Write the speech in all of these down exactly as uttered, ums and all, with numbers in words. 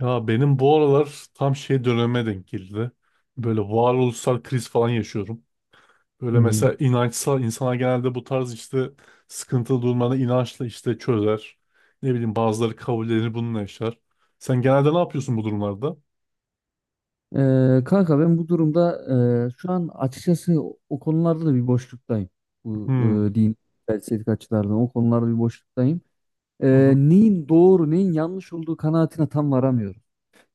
Ya benim bu aralar tam şey döneme denk geldi. Böyle varoluşsal kriz falan yaşıyorum. Böyle Hmm. mesela inançsal insana genelde bu tarz işte sıkıntılı durumları inançla işte çözer. Ne bileyim bazıları kabullenir bununla yaşar. Sen genelde ne yapıyorsun bu durumlarda? Ee, kanka ben bu durumda e, şu an açıkçası o o konularda da bir boşluktayım. Bu Hmm. E, din felsefik açılardan o konularda bir boşluktayım. Hı Ee, hı. Neyin doğru neyin yanlış olduğu kanaatine tam varamıyorum.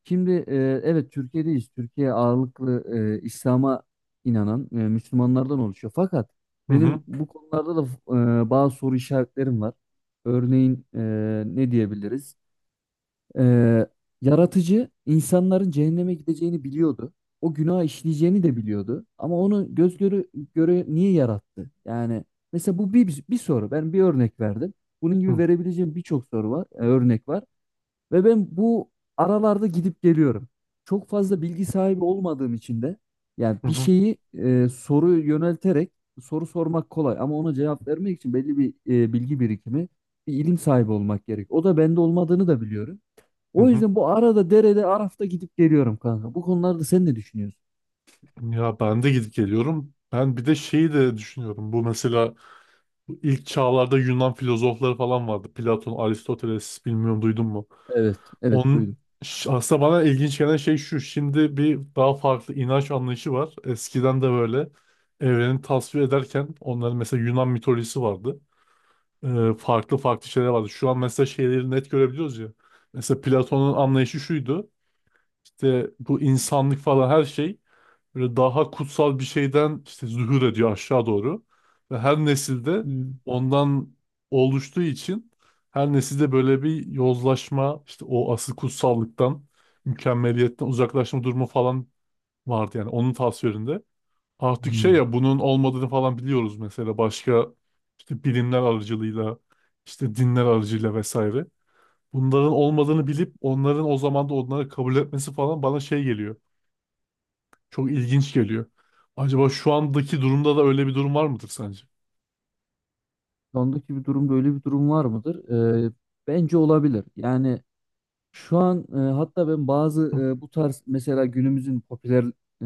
Şimdi e, evet Türkiye'deyiz. Türkiye ağırlıklı e, İslam'a inanan e, Müslümanlardan oluşuyor. Fakat Hı hı. benim bu konularda da e, bazı soru işaretlerim var. Örneğin e, ne diyebiliriz? Ee, Yaratıcı insanların cehenneme gideceğini biliyordu. O günah işleyeceğini de biliyordu. Ama onu göz göre, göre niye yarattı? Yani mesela bu bir, bir soru. Ben bir örnek verdim. Bunun gibi Hı verebileceğim birçok soru var, e, örnek var. Ve ben bu aralarda gidip geliyorum. Çok fazla bilgi sahibi olmadığım için de yani bir hı. şeyi e, soru yönelterek soru sormak kolay ama ona cevap vermek için belli bir e, bilgi birikimi, bir ilim sahibi olmak gerek. O da bende olmadığını da biliyorum. Hı O hı. yüzden bu arada derede Araf'ta gidip geliyorum kanka. Bu konularda sen ne düşünüyorsun? Ya ben de gidip geliyorum. Ben bir de şeyi de düşünüyorum. Bu mesela bu ilk çağlarda Yunan filozofları falan vardı. Platon, Aristoteles bilmiyorum duydun mu? Evet, evet Onun duydum. ş- aslında bana ilginç gelen şey şu. Şimdi bir daha farklı inanç anlayışı var. Eskiden de böyle evreni tasvir ederken onların mesela Yunan mitolojisi vardı. Ee, farklı farklı şeyler vardı. Şu an mesela şeyleri net görebiliyoruz ya. Mesela Platon'un anlayışı şuydu. İşte bu insanlık falan her şey böyle daha kutsal bir şeyden işte zuhur ediyor aşağı doğru. Ve her nesilde Hmm. ondan oluştuğu için her nesilde böyle bir yozlaşma, işte o asıl kutsallıktan, mükemmeliyetten uzaklaşma durumu falan vardı yani onun tasvirinde. Artık şey Hmm. ya bunun olmadığını falan biliyoruz mesela başka işte bilimler aracılığıyla, işte dinler aracılığıyla vesaire. Bunların olmadığını bilip onların o zaman da onları kabul etmesi falan bana şey geliyor. Çok ilginç geliyor. Acaba şu andaki durumda da öyle bir durum var mıdır sence? Şu andaki bir durum böyle bir durum var mıdır? Ee, Bence olabilir. Yani şu an e, hatta ben bazı e, bu tarz mesela günümüzün popüler e,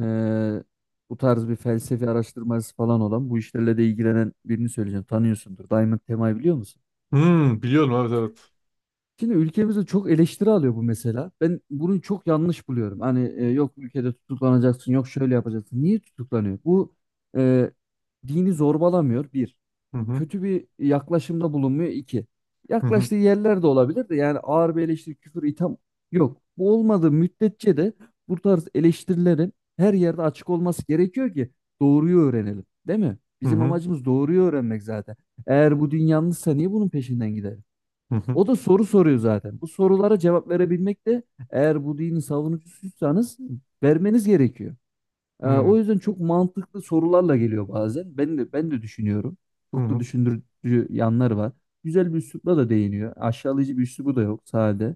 bu tarz bir felsefi araştırmacısı falan olan bu işlerle de ilgilenen birini söyleyeceğim. Tanıyorsundur. Diamond Tema'yı biliyor musun? Hmm, biliyorum, evet, evet. Şimdi ülkemizde çok eleştiri alıyor bu mesela. Ben bunu çok yanlış buluyorum. Hani e, yok ülkede tutuklanacaksın, yok şöyle yapacaksın. Niye tutuklanıyor? Bu e, Dini zorbalamıyor bir. Hı hı Kötü bir yaklaşımda bulunmuyor iki. hı. Hı Yaklaştığı yerler de olabilir de yani ağır bir eleştiri, küfür, itham yok. Bu olmadığı müddetçe de bu tarz eleştirilerin her yerde açık olması gerekiyor ki doğruyu öğrenelim, değil mi? hı. Bizim Hı amacımız doğruyu öğrenmek zaten. Eğer bu din yanlışsa niye bunun peşinden gidelim? hı. Hı O da soru soruyor zaten. Bu sorulara cevap verebilmek de eğer bu dinin savunucusuysanız vermeniz gerekiyor. Ee, hı. O yüzden çok mantıklı sorularla geliyor bazen. Ben de ben de düşünüyorum. Hı Çok da hı. düşündürücü yanları var. Güzel bir üslupla da değiniyor. Aşağılayıcı bir üslubu da yok sade.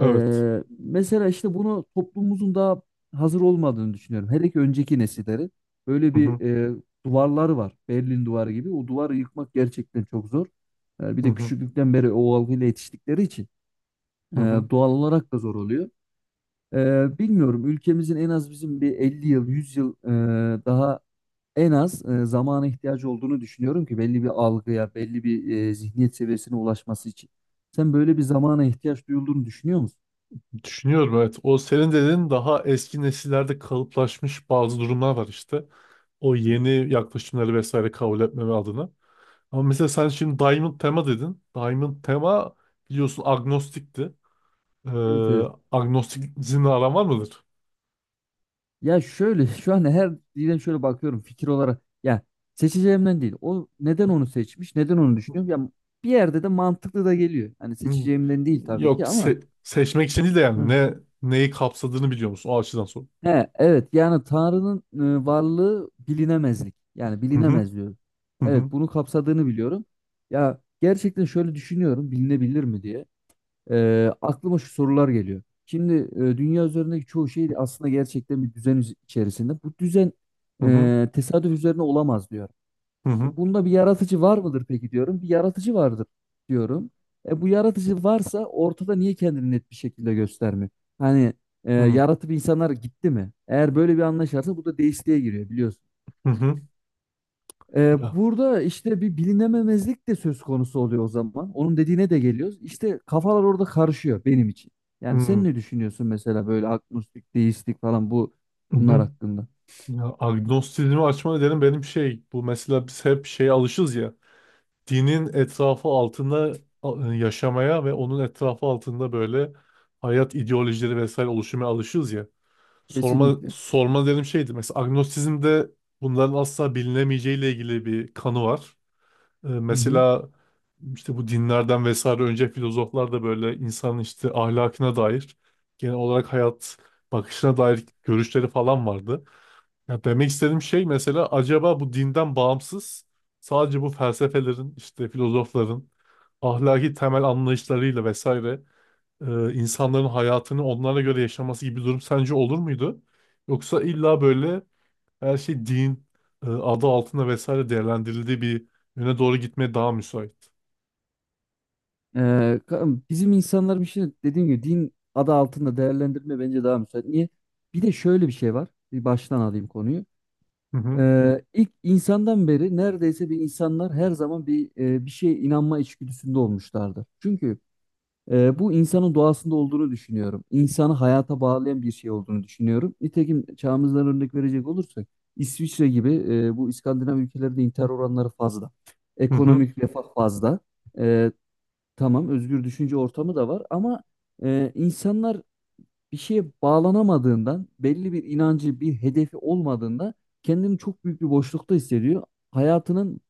Evet. Ee, mesela işte bunu toplumumuzun daha hazır olmadığını düşünüyorum. Hele ki önceki nesillerin böyle Hı hı. bir e, duvarları var. Berlin duvarı gibi. O duvarı yıkmak gerçekten çok zor. Ee, bir Hı de hı. küçüklükten beri o algıyla yetiştikleri için e, Hı hı. doğal olarak da zor oluyor. Ee, bilmiyorum ülkemizin en az bizim bir elli yıl, yüz yıl e, daha en az e, zamana ihtiyacı olduğunu düşünüyorum ki belli bir algıya, belli bir e, zihniyet seviyesine ulaşması için. Sen böyle bir zamana ihtiyaç duyulduğunu düşünüyor musun? Düşünüyorum, evet. O senin dediğin daha eski nesillerde kalıplaşmış bazı durumlar var işte. O Evet. yeni yaklaşımları vesaire kabul etmeme adına. Ama mesela sen şimdi Diamond Tema dedin. Diamond Tema biliyorsun agnostikti. Ee, Evet, evet. Agnostikizmle aran var mıdır? Ya şöyle şu an her dile şöyle bakıyorum fikir olarak. Ya seçeceğimden değil. O neden onu seçmiş? Neden onu düşünüyorum? Ya bir yerde de mantıklı da geliyor. Hani Hmm. seçeceğimden değil tabii Yok, ki ama se- seçmek için değil de yani hı. ne neyi kapsadığını biliyor musun? O açıdan sor. He evet yani Tanrı'nın e, varlığı bilinemezlik. Yani Hı hı. bilinemez diyor. Hı hı. Evet bunu kapsadığını biliyorum. Ya gerçekten şöyle düşünüyorum bilinebilir mi diye. Ee, aklıma şu sorular geliyor. Şimdi e, dünya üzerindeki çoğu şey aslında gerçekten bir düzen üz- içerisinde. Bu düzen Hı hı. e, tesadüf üzerine olamaz diyor. Hı E, bunda bir yaratıcı var mıdır peki diyorum. Bir yaratıcı vardır diyorum. E, bu yaratıcı varsa ortada niye kendini net bir şekilde göstermiyor? Hani e, hı. Hı yaratıp insanlar gitti mi? Eğer böyle bir anlayış varsa bu da deistliğe giriyor biliyorsun. hı. Hı. Ee, Ya, Burada işte bir bilinememezlik de söz konusu oluyor o zaman. Onun dediğine de geliyoruz. İşte kafalar orada karışıyor benim için. Yani sen hı ne düşünüyorsun mesela böyle agnostik, deistik falan bu hı. bunlar Hı. hakkında? Ya agnostizmi açma nedenim benim şey bu mesela biz hep şeye alışız ya dinin etrafı altında a- yaşamaya ve onun etrafı altında böyle hayat ideolojileri vesaire oluşmaya alışız ya. Sorma Kesinlikle. sorma dedim şeydi. Mesela agnostizmde bunların asla bilinemeyeceğiyle ilgili bir kanı var. E, Hı hı. mesela işte bu dinlerden vesaire önce filozoflar da böyle insanın işte ahlakına dair genel olarak hayat bakışına dair görüşleri falan vardı. Ya demek istediğim şey mesela acaba bu dinden bağımsız sadece bu felsefelerin işte filozofların ahlaki temel anlayışlarıyla vesaire e, insanların hayatını onlara göre yaşaması gibi bir durum sence olur muydu? Yoksa illa böyle her şey din e, adı altında vesaire değerlendirildiği bir yöne doğru gitmeye daha müsait. Ee, ka- Bizim insanların için dediğim gibi din adı altında değerlendirme bence daha müsait. Niye? Bir de şöyle bir şey var. Bir baştan alayım konuyu. Hı hı. Ee, ilk insandan beri neredeyse bir insanlar her zaman bir e, bir şeye inanma içgüdüsünde olmuşlardı. Çünkü Ee, bu insanın doğasında olduğunu düşünüyorum. İnsanı hayata bağlayan bir şey olduğunu düşünüyorum. Nitekim çağımızdan örnek verecek olursak İsviçre gibi e, bu İskandinav ülkelerinde intihar oranları fazla. Hı hı. Ekonomik refah fazla. Ee, tamam özgür düşünce ortamı da var ama e, insanlar bir şeye bağlanamadığından, belli bir inancı, bir hedefi olmadığında kendini çok büyük bir boşlukta hissediyor. Hayatının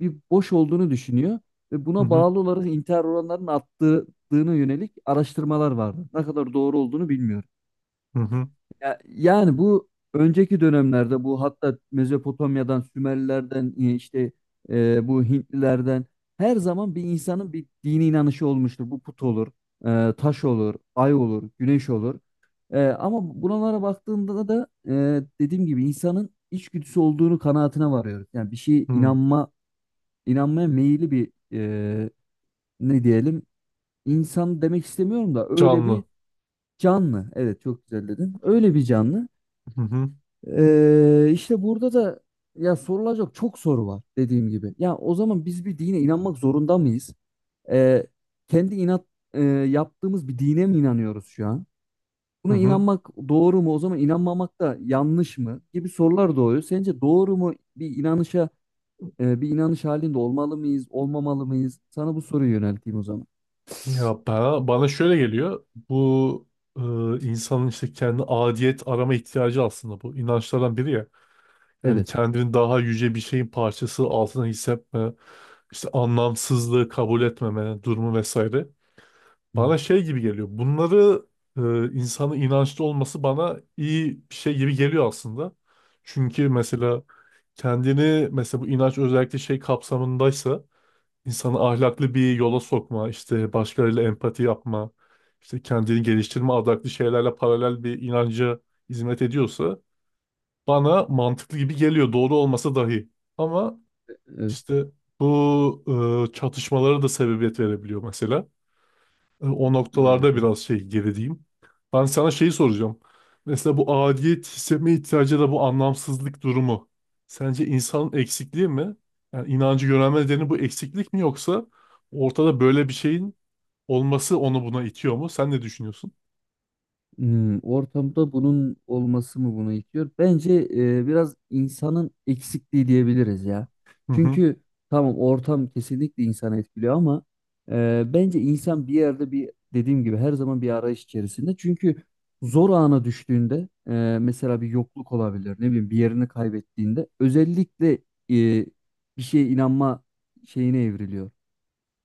bir boş olduğunu düşünüyor ve Hı buna hı. bağlı olarak intihar oranlarının arttığına yönelik araştırmalar vardı. Ne kadar doğru olduğunu bilmiyorum. Hı hı. Ya- yani bu önceki dönemlerde bu hatta Mezopotamya'dan, Sümerlilerden e, işte e, bu Hintlilerden her zaman bir insanın bir dini inanışı olmuştur. Bu put olur, e, taş olur, ay olur, güneş olur. E, ama buralara baktığında da e, dediğim gibi insanın içgüdüsü olduğunu kanaatine varıyoruz. Yani bir şeye Hı. inanma, inanmaya meyilli bir e, ne diyelim insan demek istemiyorum da öyle bir Canlı. canlı. Evet çok güzel dedin. Öyle bir canlı. Hı hı. Ee, işte burada da ya sorulacak çok soru var dediğim gibi. Ya o zaman biz bir dine inanmak zorunda mıyız? Ee, Kendi inat e, yaptığımız bir dine mi inanıyoruz şu an? Hı Buna hı. inanmak doğru mu? O zaman inanmamak da yanlış mı? Gibi sorular doğuyor. Sence doğru mu bir inanışa e, bir inanış halinde olmalı mıyız, olmamalı mıyız? Sana bu soruyu yönelteyim o zaman. Ya bana, bana şöyle geliyor. Bu e, insanın işte kendi adiyet arama ihtiyacı aslında bu. İnançlardan biri ya. Yani Evet. kendini daha yüce bir şeyin parçası altına hissetme, işte anlamsızlığı kabul etmeme durumu vesaire. Evet, Bana şey gibi geliyor. Bunları e, insanın inançlı olması bana iyi bir şey gibi geliyor aslında. Çünkü mesela kendini mesela bu inanç özellikle şey kapsamındaysa insanı ahlaklı bir yola sokma, işte başkalarıyla empati yapma, işte kendini geliştirme adaklı şeylerle paralel bir inanca hizmet ediyorsa bana mantıklı gibi geliyor doğru olmasa dahi. Ama evet. işte bu e, çatışmalara da sebebiyet verebiliyor mesela. E, o Evet. noktalarda biraz şey gerideyim. Ben sana şeyi soracağım. Mesela bu aidiyet hissetme ihtiyacı da bu anlamsızlık durumu. Sence insanın eksikliği mi? Yani inancı görme nedeni bu eksiklik mi yoksa ortada böyle bir şeyin olması onu buna itiyor mu? Sen ne düşünüyorsun? Hmm, ortamda bunun olması mı bunu itiyor? Bence e, biraz insanın eksikliği diyebiliriz ya. Hı hı. Çünkü tamam ortam kesinlikle insanı etkiliyor ama e, bence insan bir yerde bir dediğim gibi her zaman bir arayış içerisinde. Çünkü zor ana düştüğünde e, mesela bir yokluk olabilir ne bileyim bir yerini kaybettiğinde özellikle e, bir şeye inanma şeyine evriliyor.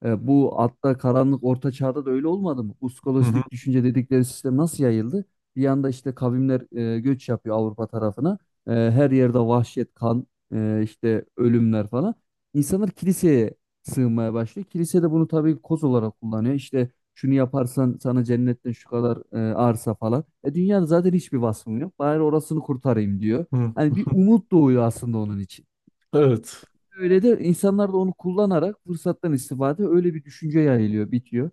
E, bu hatta karanlık orta çağda da öyle olmadı mı? Bu Hı hı. skolastik düşünce dedikleri sistem nasıl yayıldı? Bir yanda işte kavimler e, göç yapıyor Avrupa tarafına. E, her yerde vahşet, kan, e, işte ölümler falan. İnsanlar kiliseye sığınmaya başlıyor. Kilise de bunu tabii koz olarak kullanıyor. İşte şunu yaparsan sana cennetten şu kadar e, arsa falan. E, dünyada zaten hiçbir vasfım yok. Bari orasını kurtarayım diyor. Hı. Hani bir umut doğuyor aslında onun için. Evet. Öyle de insanlar da onu kullanarak fırsattan istifade öyle bir düşünce yayılıyor, bitiyor.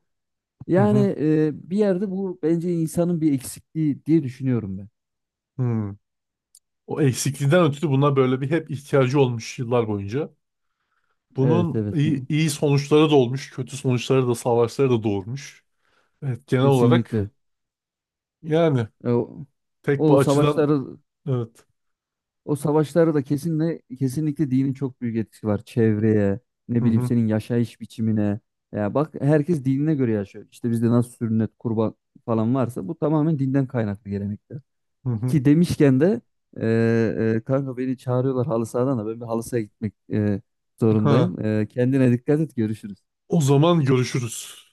Hı Yani hı. e, bir yerde bu bence insanın bir eksikliği diye düşünüyorum ben. Hı. O eksikliğinden ötürü buna böyle bir hep ihtiyacı olmuş yıllar boyunca. Evet Bunun evet iyi, mu- iyi sonuçları da olmuş, kötü sonuçları da, savaşları da doğurmuş. Evet, genel olarak Kesinlikle. yani E, o, tek bu o açıdan savaşları evet. o savaşları da kesinlikle kesinlikle dinin çok büyük etkisi var çevreye, Hı ne bileyim hı, senin yaşayış biçimine. Ya bak herkes dinine göre yaşıyor. İşte bizde nasıl sünnet, kurban falan varsa bu tamamen dinden kaynaklı gelenekler. hı hı. Ki demişken de e, e, kanka beni çağırıyorlar halı sahadan da ben bir halı sahaya gitmek e, Ha, zorundayım. E, kendine dikkat et görüşürüz. o zaman görüşürüz.